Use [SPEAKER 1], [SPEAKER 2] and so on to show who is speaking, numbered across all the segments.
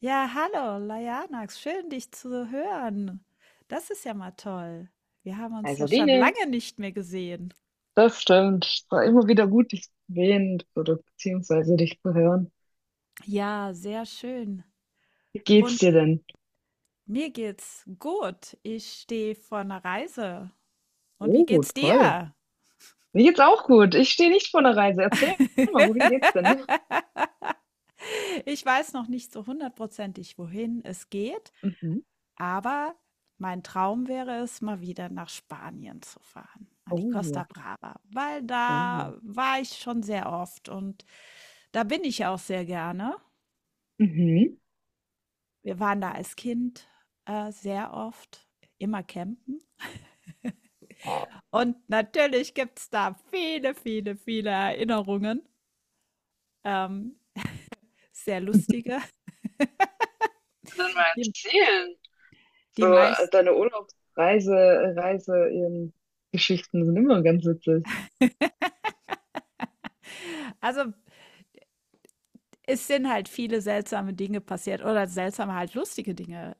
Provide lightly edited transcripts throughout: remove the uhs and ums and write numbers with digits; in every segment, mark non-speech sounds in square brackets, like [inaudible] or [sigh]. [SPEAKER 1] Ja, hallo, Lajanax, schön dich zu hören. Das ist ja mal toll. Wir haben uns ja
[SPEAKER 2] Also
[SPEAKER 1] schon
[SPEAKER 2] Biene.
[SPEAKER 1] lange nicht mehr gesehen.
[SPEAKER 2] Das stimmt. Es war immer wieder gut, dich zu sehen oder beziehungsweise dich zu hören.
[SPEAKER 1] Ja, sehr schön.
[SPEAKER 2] Wie geht's dir denn?
[SPEAKER 1] Mir geht's gut. Ich stehe vor einer Reise. Und wie
[SPEAKER 2] Oh,
[SPEAKER 1] geht's
[SPEAKER 2] toll.
[SPEAKER 1] dir?
[SPEAKER 2] Mir geht's auch gut. Ich stehe nicht vor einer Reise. Erzähl mal, wohin geht's denn?
[SPEAKER 1] Ich weiß noch nicht so hundertprozentig, wohin es geht,
[SPEAKER 2] Mhm.
[SPEAKER 1] aber mein Traum wäre es, mal wieder nach Spanien zu fahren, an die Costa
[SPEAKER 2] Oh,
[SPEAKER 1] Brava, weil
[SPEAKER 2] oh.
[SPEAKER 1] da war ich schon sehr oft und da bin ich auch sehr gerne.
[SPEAKER 2] Mhm.
[SPEAKER 1] Wir waren da als Kind, sehr oft, immer campen.
[SPEAKER 2] Oh.
[SPEAKER 1] Und natürlich gibt's da viele, viele, viele Erinnerungen, ähm, sehr lustige.
[SPEAKER 2] Dann mal
[SPEAKER 1] [laughs] die
[SPEAKER 2] erzählen.
[SPEAKER 1] die
[SPEAKER 2] So,
[SPEAKER 1] meisten
[SPEAKER 2] deine Urlaubsreise, Reise, Geschichten sind immer ganz witzig.
[SPEAKER 1] also, es sind halt viele seltsame Dinge passiert oder seltsame, halt lustige Dinge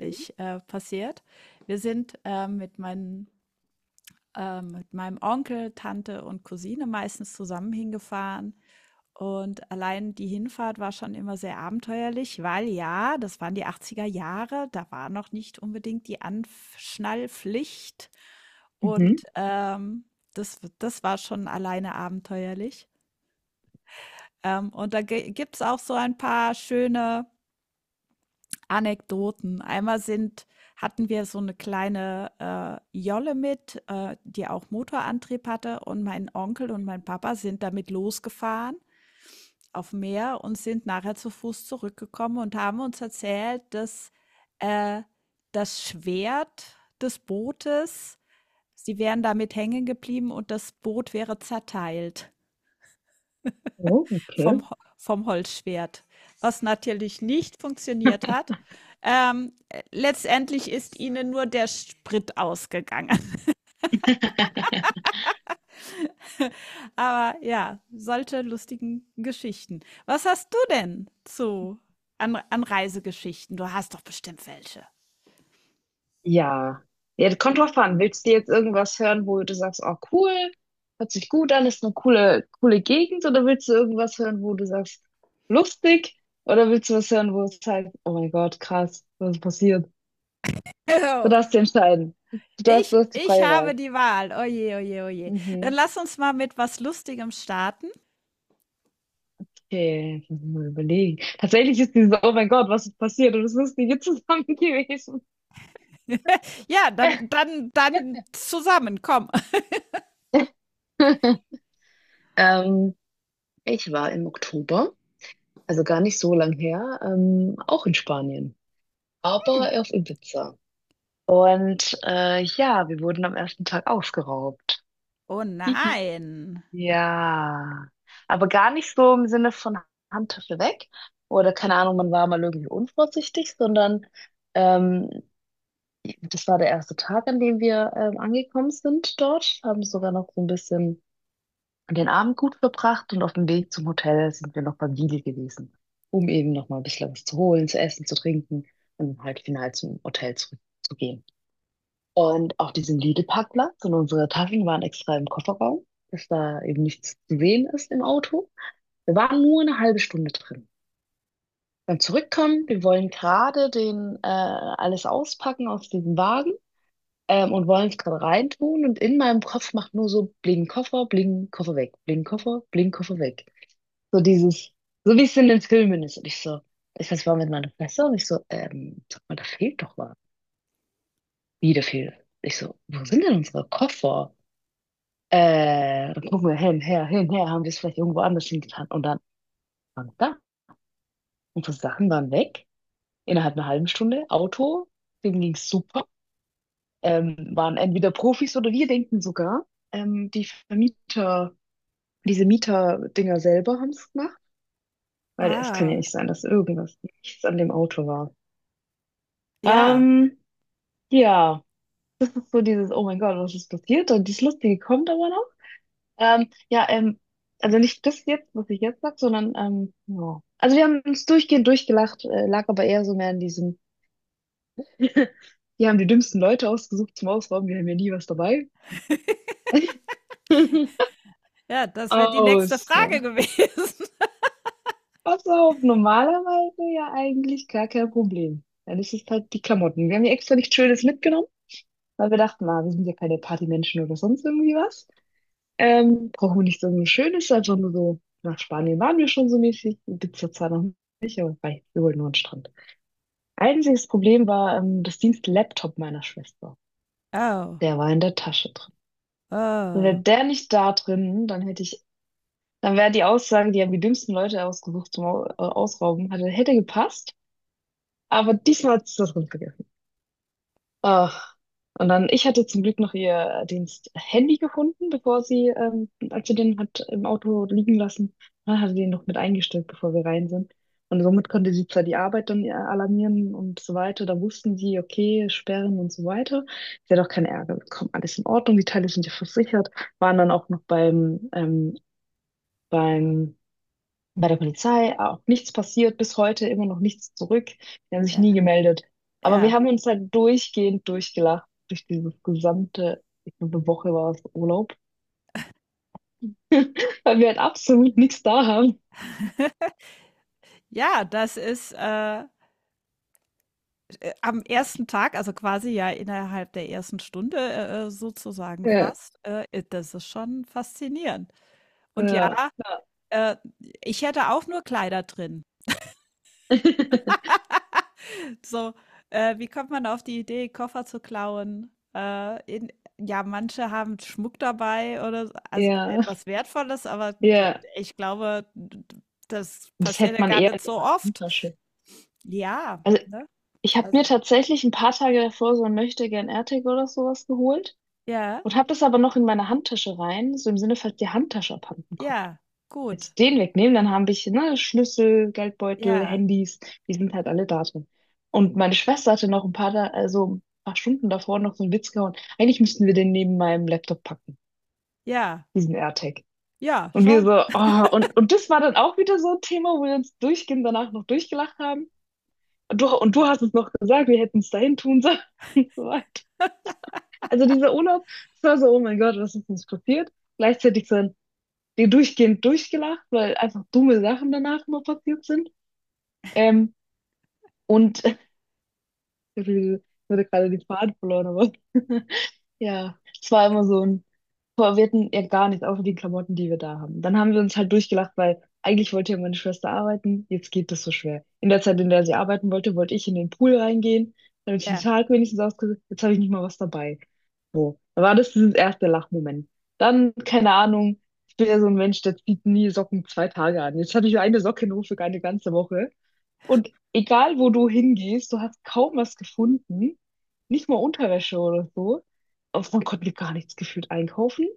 [SPEAKER 2] Mhm.
[SPEAKER 1] äh, passiert. Wir sind mit meinem Onkel, Tante und Cousine meistens zusammen hingefahren. Und allein die Hinfahrt war schon immer sehr abenteuerlich, weil ja, das waren die 80er Jahre, da war noch nicht unbedingt die Anschnallpflicht.
[SPEAKER 2] Mhm.
[SPEAKER 1] Und das war schon alleine abenteuerlich. Und da gibt es auch so ein paar schöne Anekdoten. Einmal hatten wir so eine kleine Jolle mit die auch Motorantrieb hatte. Und mein Onkel und mein Papa sind damit losgefahren aufm Meer und sind nachher zu Fuß zurückgekommen und haben uns erzählt, dass, äh, das Schwert des Bootes sie wären damit hängen geblieben und das Boot wäre zerteilt
[SPEAKER 2] Oh,
[SPEAKER 1] vom
[SPEAKER 2] okay.
[SPEAKER 1] vom Holzschwert, was natürlich nicht funktioniert hat. Letztendlich ist ihnen nur der Sprit ausgegangen. [laughs]
[SPEAKER 2] [laughs]
[SPEAKER 1] Aber ja, solche lustigen Geschichten. Was hast du denn zu an an Reisegeschichten? Du hast doch bestimmt welche.
[SPEAKER 2] Ja. Ja, das kommt drauf an. Willst du jetzt irgendwas hören, wo du sagst, oh cool, hört sich gut an, ist eine coole, coole Gegend, oder willst du irgendwas hören, wo du sagst, lustig, oder willst du was hören, wo es heißt, oh mein Gott, krass, was ist passiert? Du
[SPEAKER 1] Oh,
[SPEAKER 2] darfst dich entscheiden. Du
[SPEAKER 1] ich,
[SPEAKER 2] hast die
[SPEAKER 1] ich
[SPEAKER 2] freie
[SPEAKER 1] habe
[SPEAKER 2] Wahl.
[SPEAKER 1] die Wahl. Oh je, oh, oh. Dann
[SPEAKER 2] Mhm.
[SPEAKER 1] lass uns mal mit was Lustigem starten.
[SPEAKER 2] Okay, jetzt muss ich mal überlegen. Tatsächlich ist dieses, oh mein Gott, was ist passiert? Und es ist nie zusammen gewesen.
[SPEAKER 1] Ja, dann zusammen, komm. [laughs]
[SPEAKER 2] [laughs] Ähm, ich war im Oktober, also gar nicht so lang her, auch in Spanien, aber auf Ibiza. Und ja, wir wurden am ersten Tag ausgeraubt.
[SPEAKER 1] Oh
[SPEAKER 2] Hihi.
[SPEAKER 1] nein.
[SPEAKER 2] Ja, aber gar nicht so im Sinne von Handtasche weg oder keine Ahnung, man war mal irgendwie unvorsichtig, sondern ähm, das war der erste Tag, an dem wir angekommen sind dort, haben sogar noch so ein bisschen den Abend gut verbracht, und auf dem Weg zum Hotel sind wir noch beim Lidl gewesen, um eben noch mal ein bisschen was zu holen, zu essen, zu trinken und halt final zum Hotel zurückzugehen. Und auf diesem Lidl-Parkplatz, und unsere Taschen waren extra im Kofferraum, dass da eben nichts zu sehen ist im Auto. Wir waren nur eine halbe Stunde drin. Dann zurückkommen, wir wollen gerade den alles auspacken aus diesem Wagen, und wollen es gerade reintun. Und in meinem Kopf macht nur so bling Koffer weg, bling Koffer weg. So dieses, so wie es in den Filmen ist. Und ich so, ich weiß, war mit meiner Fresse, und ich so, sag mal, da fehlt doch was. Wie, da fehlt. Ich so, wo sind denn unsere Koffer? Dann gucken wir hin, her, haben wir es vielleicht irgendwo anders hingetan. Und dann waren da. Unsere Sachen waren weg. Innerhalb einer halben Stunde. Auto, dem ging's super. Waren entweder Profis oder wir denken sogar, die Vermieter, diese Mieter-Dinger selber haben es gemacht. Weil es kann ja
[SPEAKER 1] Wow.
[SPEAKER 2] nicht sein, dass irgendwas nichts an dem Auto war.
[SPEAKER 1] Ja,
[SPEAKER 2] Ähm, ja, so dieses, oh mein Gott, was ist passiert? Und dieses Lustige kommt aber noch. Ähm, ja, ähm, also nicht das jetzt, was ich jetzt sag, sondern ja. Also wir haben uns durchgehend durchgelacht, lag aber eher so mehr in diesem, [laughs] die haben die dümmsten Leute ausgesucht zum Ausrauben, wir haben ja nie was dabei.
[SPEAKER 1] ja, das wäre die nächste
[SPEAKER 2] Aus.
[SPEAKER 1] Frage gewesen. [laughs]
[SPEAKER 2] Was auch normalerweise ja eigentlich gar kein Problem. Dann ist es halt die Klamotten. Wir haben ja extra nichts Schönes mitgenommen, weil wir dachten, na, wir sind ja keine Partymenschen oder sonst irgendwie was. Brauchen wir nicht so ein Schönes, einfach nur so, nach Spanien waren wir schon so mäßig, Ibiza zwar noch nicht, aber wei, wir wollten nur an den Strand. Einziges Problem war das Dienstlaptop meiner Schwester.
[SPEAKER 1] Oh,
[SPEAKER 2] Der war in der Tasche drin.
[SPEAKER 1] oh.
[SPEAKER 2] Wäre der nicht da drin, dann hätte ich, dann wäre die Aussage, die haben die dümmsten Leute ausgesucht zum Ausrauben, hätte gepasst. Aber diesmal hat es das drin. Ach, und dann, ich hatte zum Glück noch ihr Diensthandy gefunden, bevor sie, als sie den hat im Auto liegen lassen, dann hatte sie den noch mit eingestellt, bevor wir rein sind. Und somit konnte sie zwar die Arbeit dann alarmieren und so weiter, da wussten sie, okay, sperren und so weiter. Sie hat auch keinen Ärger bekommen, alles in Ordnung, die Teile sind ja versichert, waren dann auch noch beim, beim bei der Polizei auch nichts passiert, bis heute immer noch nichts zurück. Die haben sich
[SPEAKER 1] Ja,
[SPEAKER 2] nie gemeldet. Aber wir
[SPEAKER 1] ja.
[SPEAKER 2] haben uns halt durchgehend durchgelacht durch dieses gesamte, ich glaube, eine Woche war es Urlaub, [laughs] weil wir halt absolut nichts da haben.
[SPEAKER 1] Ja, das ist am ersten Tag, also quasi ja innerhalb der ersten Stunde sozusagen
[SPEAKER 2] Ja.
[SPEAKER 1] fast. Das ist schon faszinierend. Und ja,
[SPEAKER 2] Ja, ja,
[SPEAKER 1] äh, ich hätte auch nur Kleider drin.
[SPEAKER 2] [laughs]
[SPEAKER 1] So wie kommt man auf die Idee, Koffer zu klauen? Ja, manche haben Schmuck dabei oder also
[SPEAKER 2] ja.
[SPEAKER 1] etwas Wertvolles, aber
[SPEAKER 2] Ja.
[SPEAKER 1] ich glaube, das
[SPEAKER 2] Das
[SPEAKER 1] passiert
[SPEAKER 2] hätte
[SPEAKER 1] ja
[SPEAKER 2] man
[SPEAKER 1] gar
[SPEAKER 2] eher in
[SPEAKER 1] nicht
[SPEAKER 2] der
[SPEAKER 1] so oft.
[SPEAKER 2] Handtasche.
[SPEAKER 1] Ja,
[SPEAKER 2] Also
[SPEAKER 1] ne?
[SPEAKER 2] ich habe mir
[SPEAKER 1] Also.
[SPEAKER 2] tatsächlich ein paar Tage davor so ein Möchtegern AirTag oder sowas geholt
[SPEAKER 1] Ja,
[SPEAKER 2] und habe das aber noch in meine Handtasche rein, so im Sinne, falls die Handtasche abhanden kommt.
[SPEAKER 1] ja,
[SPEAKER 2] Als ich
[SPEAKER 1] gut.
[SPEAKER 2] den wegnehmen, dann haben ich, ne, Schlüssel, Geldbeutel,
[SPEAKER 1] Ja,
[SPEAKER 2] Handys, die sind halt alle da drin. Und meine Schwester hatte noch ein paar, da, also ein paar Stunden davor noch so einen Witz gehauen. Eigentlich müssten wir den neben meinem Laptop packen,
[SPEAKER 1] ja,
[SPEAKER 2] diesen AirTag.
[SPEAKER 1] ja,
[SPEAKER 2] Und wir
[SPEAKER 1] schon.
[SPEAKER 2] so, oh, und das war dann auch wieder so ein Thema, wo wir uns durchgehend danach noch durchgelacht haben. Und du hast es noch gesagt, wir hätten es dahin tun sollen [laughs] und so weiter. Also dieser Urlaub, das war so, oh mein Gott, was ist uns passiert? Gleichzeitig so ein, die durchgehend durchgelacht, weil einfach dumme Sachen danach immer passiert sind. Ähm, und [laughs] ich hatte gerade den Faden verloren, aber [laughs] ja, es war immer so ein, boah, wir hatten ja gar nichts, außer die Klamotten, die wir da haben. Dann haben wir uns halt durchgelacht, weil eigentlich wollte ja meine Schwester arbeiten, jetzt geht das so schwer. In der Zeit, in der sie arbeiten wollte, wollte ich in den Pool reingehen, damit ich den
[SPEAKER 1] Ja,
[SPEAKER 2] Tag wenigstens ausgesucht, jetzt habe ich nicht mal was dabei. So, da war das dieses erste Lachmoment. Dann, keine Ahnung, ich bin ja so ein Mensch, der zieht nie Socken zwei Tage an. Jetzt hatte ich eine Socke nur für eine ganze Woche. Und egal, wo du hingehst, du hast kaum was gefunden. Nicht mal Unterwäsche oder so. Also man konnte gar nichts gefühlt einkaufen.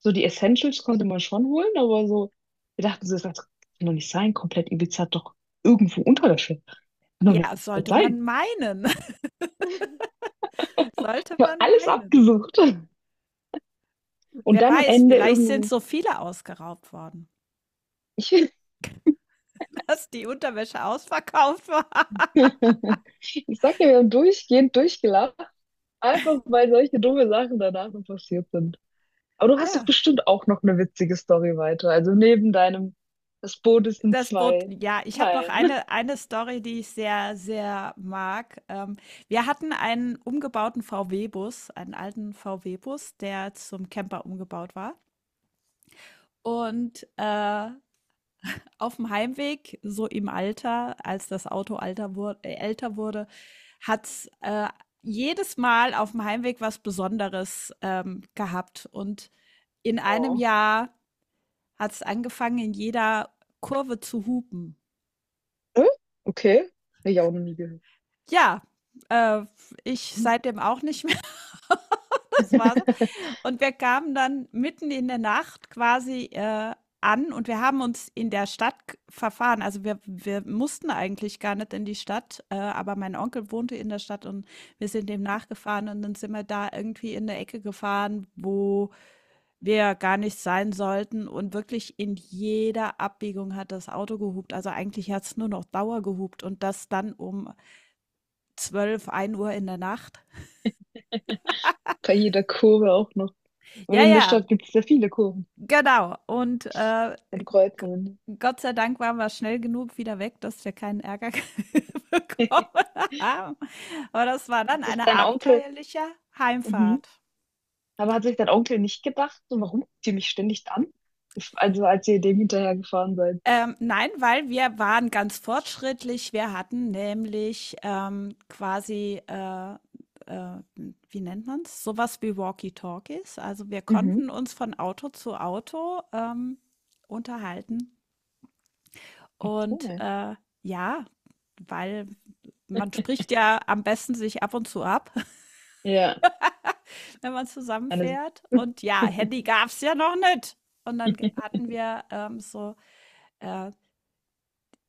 [SPEAKER 2] So die Essentials konnte man schon holen, aber so, wir dachten so, das kann doch nicht sein. Komplett Ibiza hat doch irgendwo Unterwäsche. Kann doch
[SPEAKER 1] ja,
[SPEAKER 2] nicht
[SPEAKER 1] sollte man
[SPEAKER 2] sein.
[SPEAKER 1] meinen. [laughs] Sollte
[SPEAKER 2] Ich habe
[SPEAKER 1] man
[SPEAKER 2] alles
[SPEAKER 1] meinen.
[SPEAKER 2] abgesucht. Und
[SPEAKER 1] Wer
[SPEAKER 2] dann am
[SPEAKER 1] weiß,
[SPEAKER 2] Ende
[SPEAKER 1] vielleicht sind
[SPEAKER 2] irgendwo.
[SPEAKER 1] so viele ausgeraubt worden,
[SPEAKER 2] Ich, [laughs]
[SPEAKER 1] [laughs] dass die Unterwäsche ausverkauft war.
[SPEAKER 2] ich sag dir, wir haben durchgehend durchgelacht, einfach weil solche dumme Sachen danach noch passiert sind. Aber du hast doch
[SPEAKER 1] Ja,
[SPEAKER 2] bestimmt auch noch eine witzige Story weiter. Also neben deinem, das Boot ist in
[SPEAKER 1] das Boot
[SPEAKER 2] zwei
[SPEAKER 1] ja, ich habe noch
[SPEAKER 2] Teilen.
[SPEAKER 1] eine Story, die ich sehr, sehr mag. Wir hatten einen umgebauten VW-Bus, einen alten VW-Bus, der zum Camper umgebaut war. Und auf dem Heimweg, so im Alter, als das Auto alter wur älter wurde, hat's jedes Mal auf dem Heimweg was Besonderes gehabt. Und in einem
[SPEAKER 2] Oh.
[SPEAKER 1] Jahr hat's angefangen, in jeder Kurve zu hupen.
[SPEAKER 2] Hä? Okay. Hab ich auch noch nie gehört.
[SPEAKER 1] Ja, äh, ich seitdem auch nicht mehr. [laughs] Das war so.
[SPEAKER 2] [laughs]
[SPEAKER 1] Und wir kamen dann mitten in der Nacht quasi an und wir haben uns in der Stadt g verfahren. Also, wir mussten eigentlich gar nicht in die Stadt aber mein Onkel wohnte in der Stadt und wir sind dem nachgefahren und dann sind wir da irgendwie in 'ne Ecke gefahren, wo wir gar nicht sein sollten und wirklich in jeder Abbiegung hat das Auto gehupt. Also, eigentlich hat es nur noch Dauer gehupt und das dann um 12, 1 Uhr in der Nacht.
[SPEAKER 2] Bei jeder Kurve auch noch. Und
[SPEAKER 1] Ja,
[SPEAKER 2] in der
[SPEAKER 1] ja.
[SPEAKER 2] Stadt gibt es ja viele Kurven
[SPEAKER 1] Genau. Und
[SPEAKER 2] und
[SPEAKER 1] g-
[SPEAKER 2] Kreuzungen.
[SPEAKER 1] Gott sei Dank waren wir schnell genug wieder weg, dass wir keinen Ärger [laughs] bekommen
[SPEAKER 2] [laughs]
[SPEAKER 1] haben. Aber das war dann
[SPEAKER 2] Jetzt ist
[SPEAKER 1] eine
[SPEAKER 2] dein Onkel.
[SPEAKER 1] abenteuerliche
[SPEAKER 2] Mhm.
[SPEAKER 1] Heimfahrt.
[SPEAKER 2] Aber hat sich dein Onkel nicht gedacht, so, warum guckt ihr mich ständig an? Also als ihr dem hinterher gefahren seid.
[SPEAKER 1] Nein, weil wir waren ganz fortschrittlich. Wir hatten nämlich quasiäh, wie nennt man es, sowas wie Walkie-Talkies. Also wir
[SPEAKER 2] Mhm.
[SPEAKER 1] konnten uns von Auto zu Auto unterhalten. Und
[SPEAKER 2] Okay.
[SPEAKER 1] ja, weil man spricht ja am besten sich ab und zu ab, [laughs]
[SPEAKER 2] Ja.
[SPEAKER 1] wenn man
[SPEAKER 2] Eine,
[SPEAKER 1] zusammenfährt.
[SPEAKER 2] [laughs]
[SPEAKER 1] Und ja, Handy gab's ja noch nicht. Und dann hatten wir so, äh,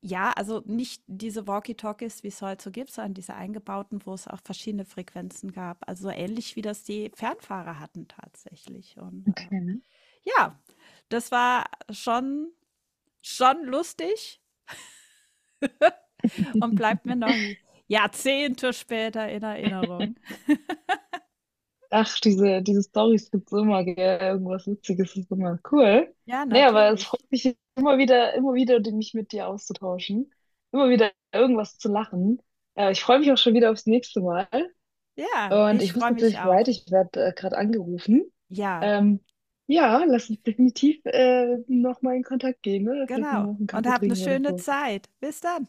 [SPEAKER 1] ja, also nicht diese Walkie-Talkies, wie es heute so gibt, sondern diese eingebauten, wo es auch verschiedene Frequenzen gab. Also so ähnlich wie das die Fernfahrer hatten tatsächlich. Und
[SPEAKER 2] okay.
[SPEAKER 1] ja, das war schon, schon lustig und bleibt mir noch Jahrzehnte später in Erinnerung.
[SPEAKER 2] Ach, diese Storys gibt's immer, gell? Irgendwas Witziges ist immer cool.
[SPEAKER 1] Ja,
[SPEAKER 2] Nee, aber es
[SPEAKER 1] natürlich.
[SPEAKER 2] freut mich immer wieder, die- mich mit dir auszutauschen. Immer wieder irgendwas zu lachen. Ich freue mich auch schon wieder aufs nächste Mal.
[SPEAKER 1] Ja,
[SPEAKER 2] Und
[SPEAKER 1] ich
[SPEAKER 2] ich muss
[SPEAKER 1] freue mich
[SPEAKER 2] tatsächlich
[SPEAKER 1] auch.
[SPEAKER 2] weiter, ich werde gerade angerufen.
[SPEAKER 1] Ja,
[SPEAKER 2] Ähm, ja, lass uns definitiv nochmal in Kontakt gehen, ne? Vielleicht
[SPEAKER 1] genau.
[SPEAKER 2] nochmal auf einen
[SPEAKER 1] Und
[SPEAKER 2] Kaffee
[SPEAKER 1] hab 'ne
[SPEAKER 2] trinken oder
[SPEAKER 1] schöne
[SPEAKER 2] so.
[SPEAKER 1] Zeit. Bis dann.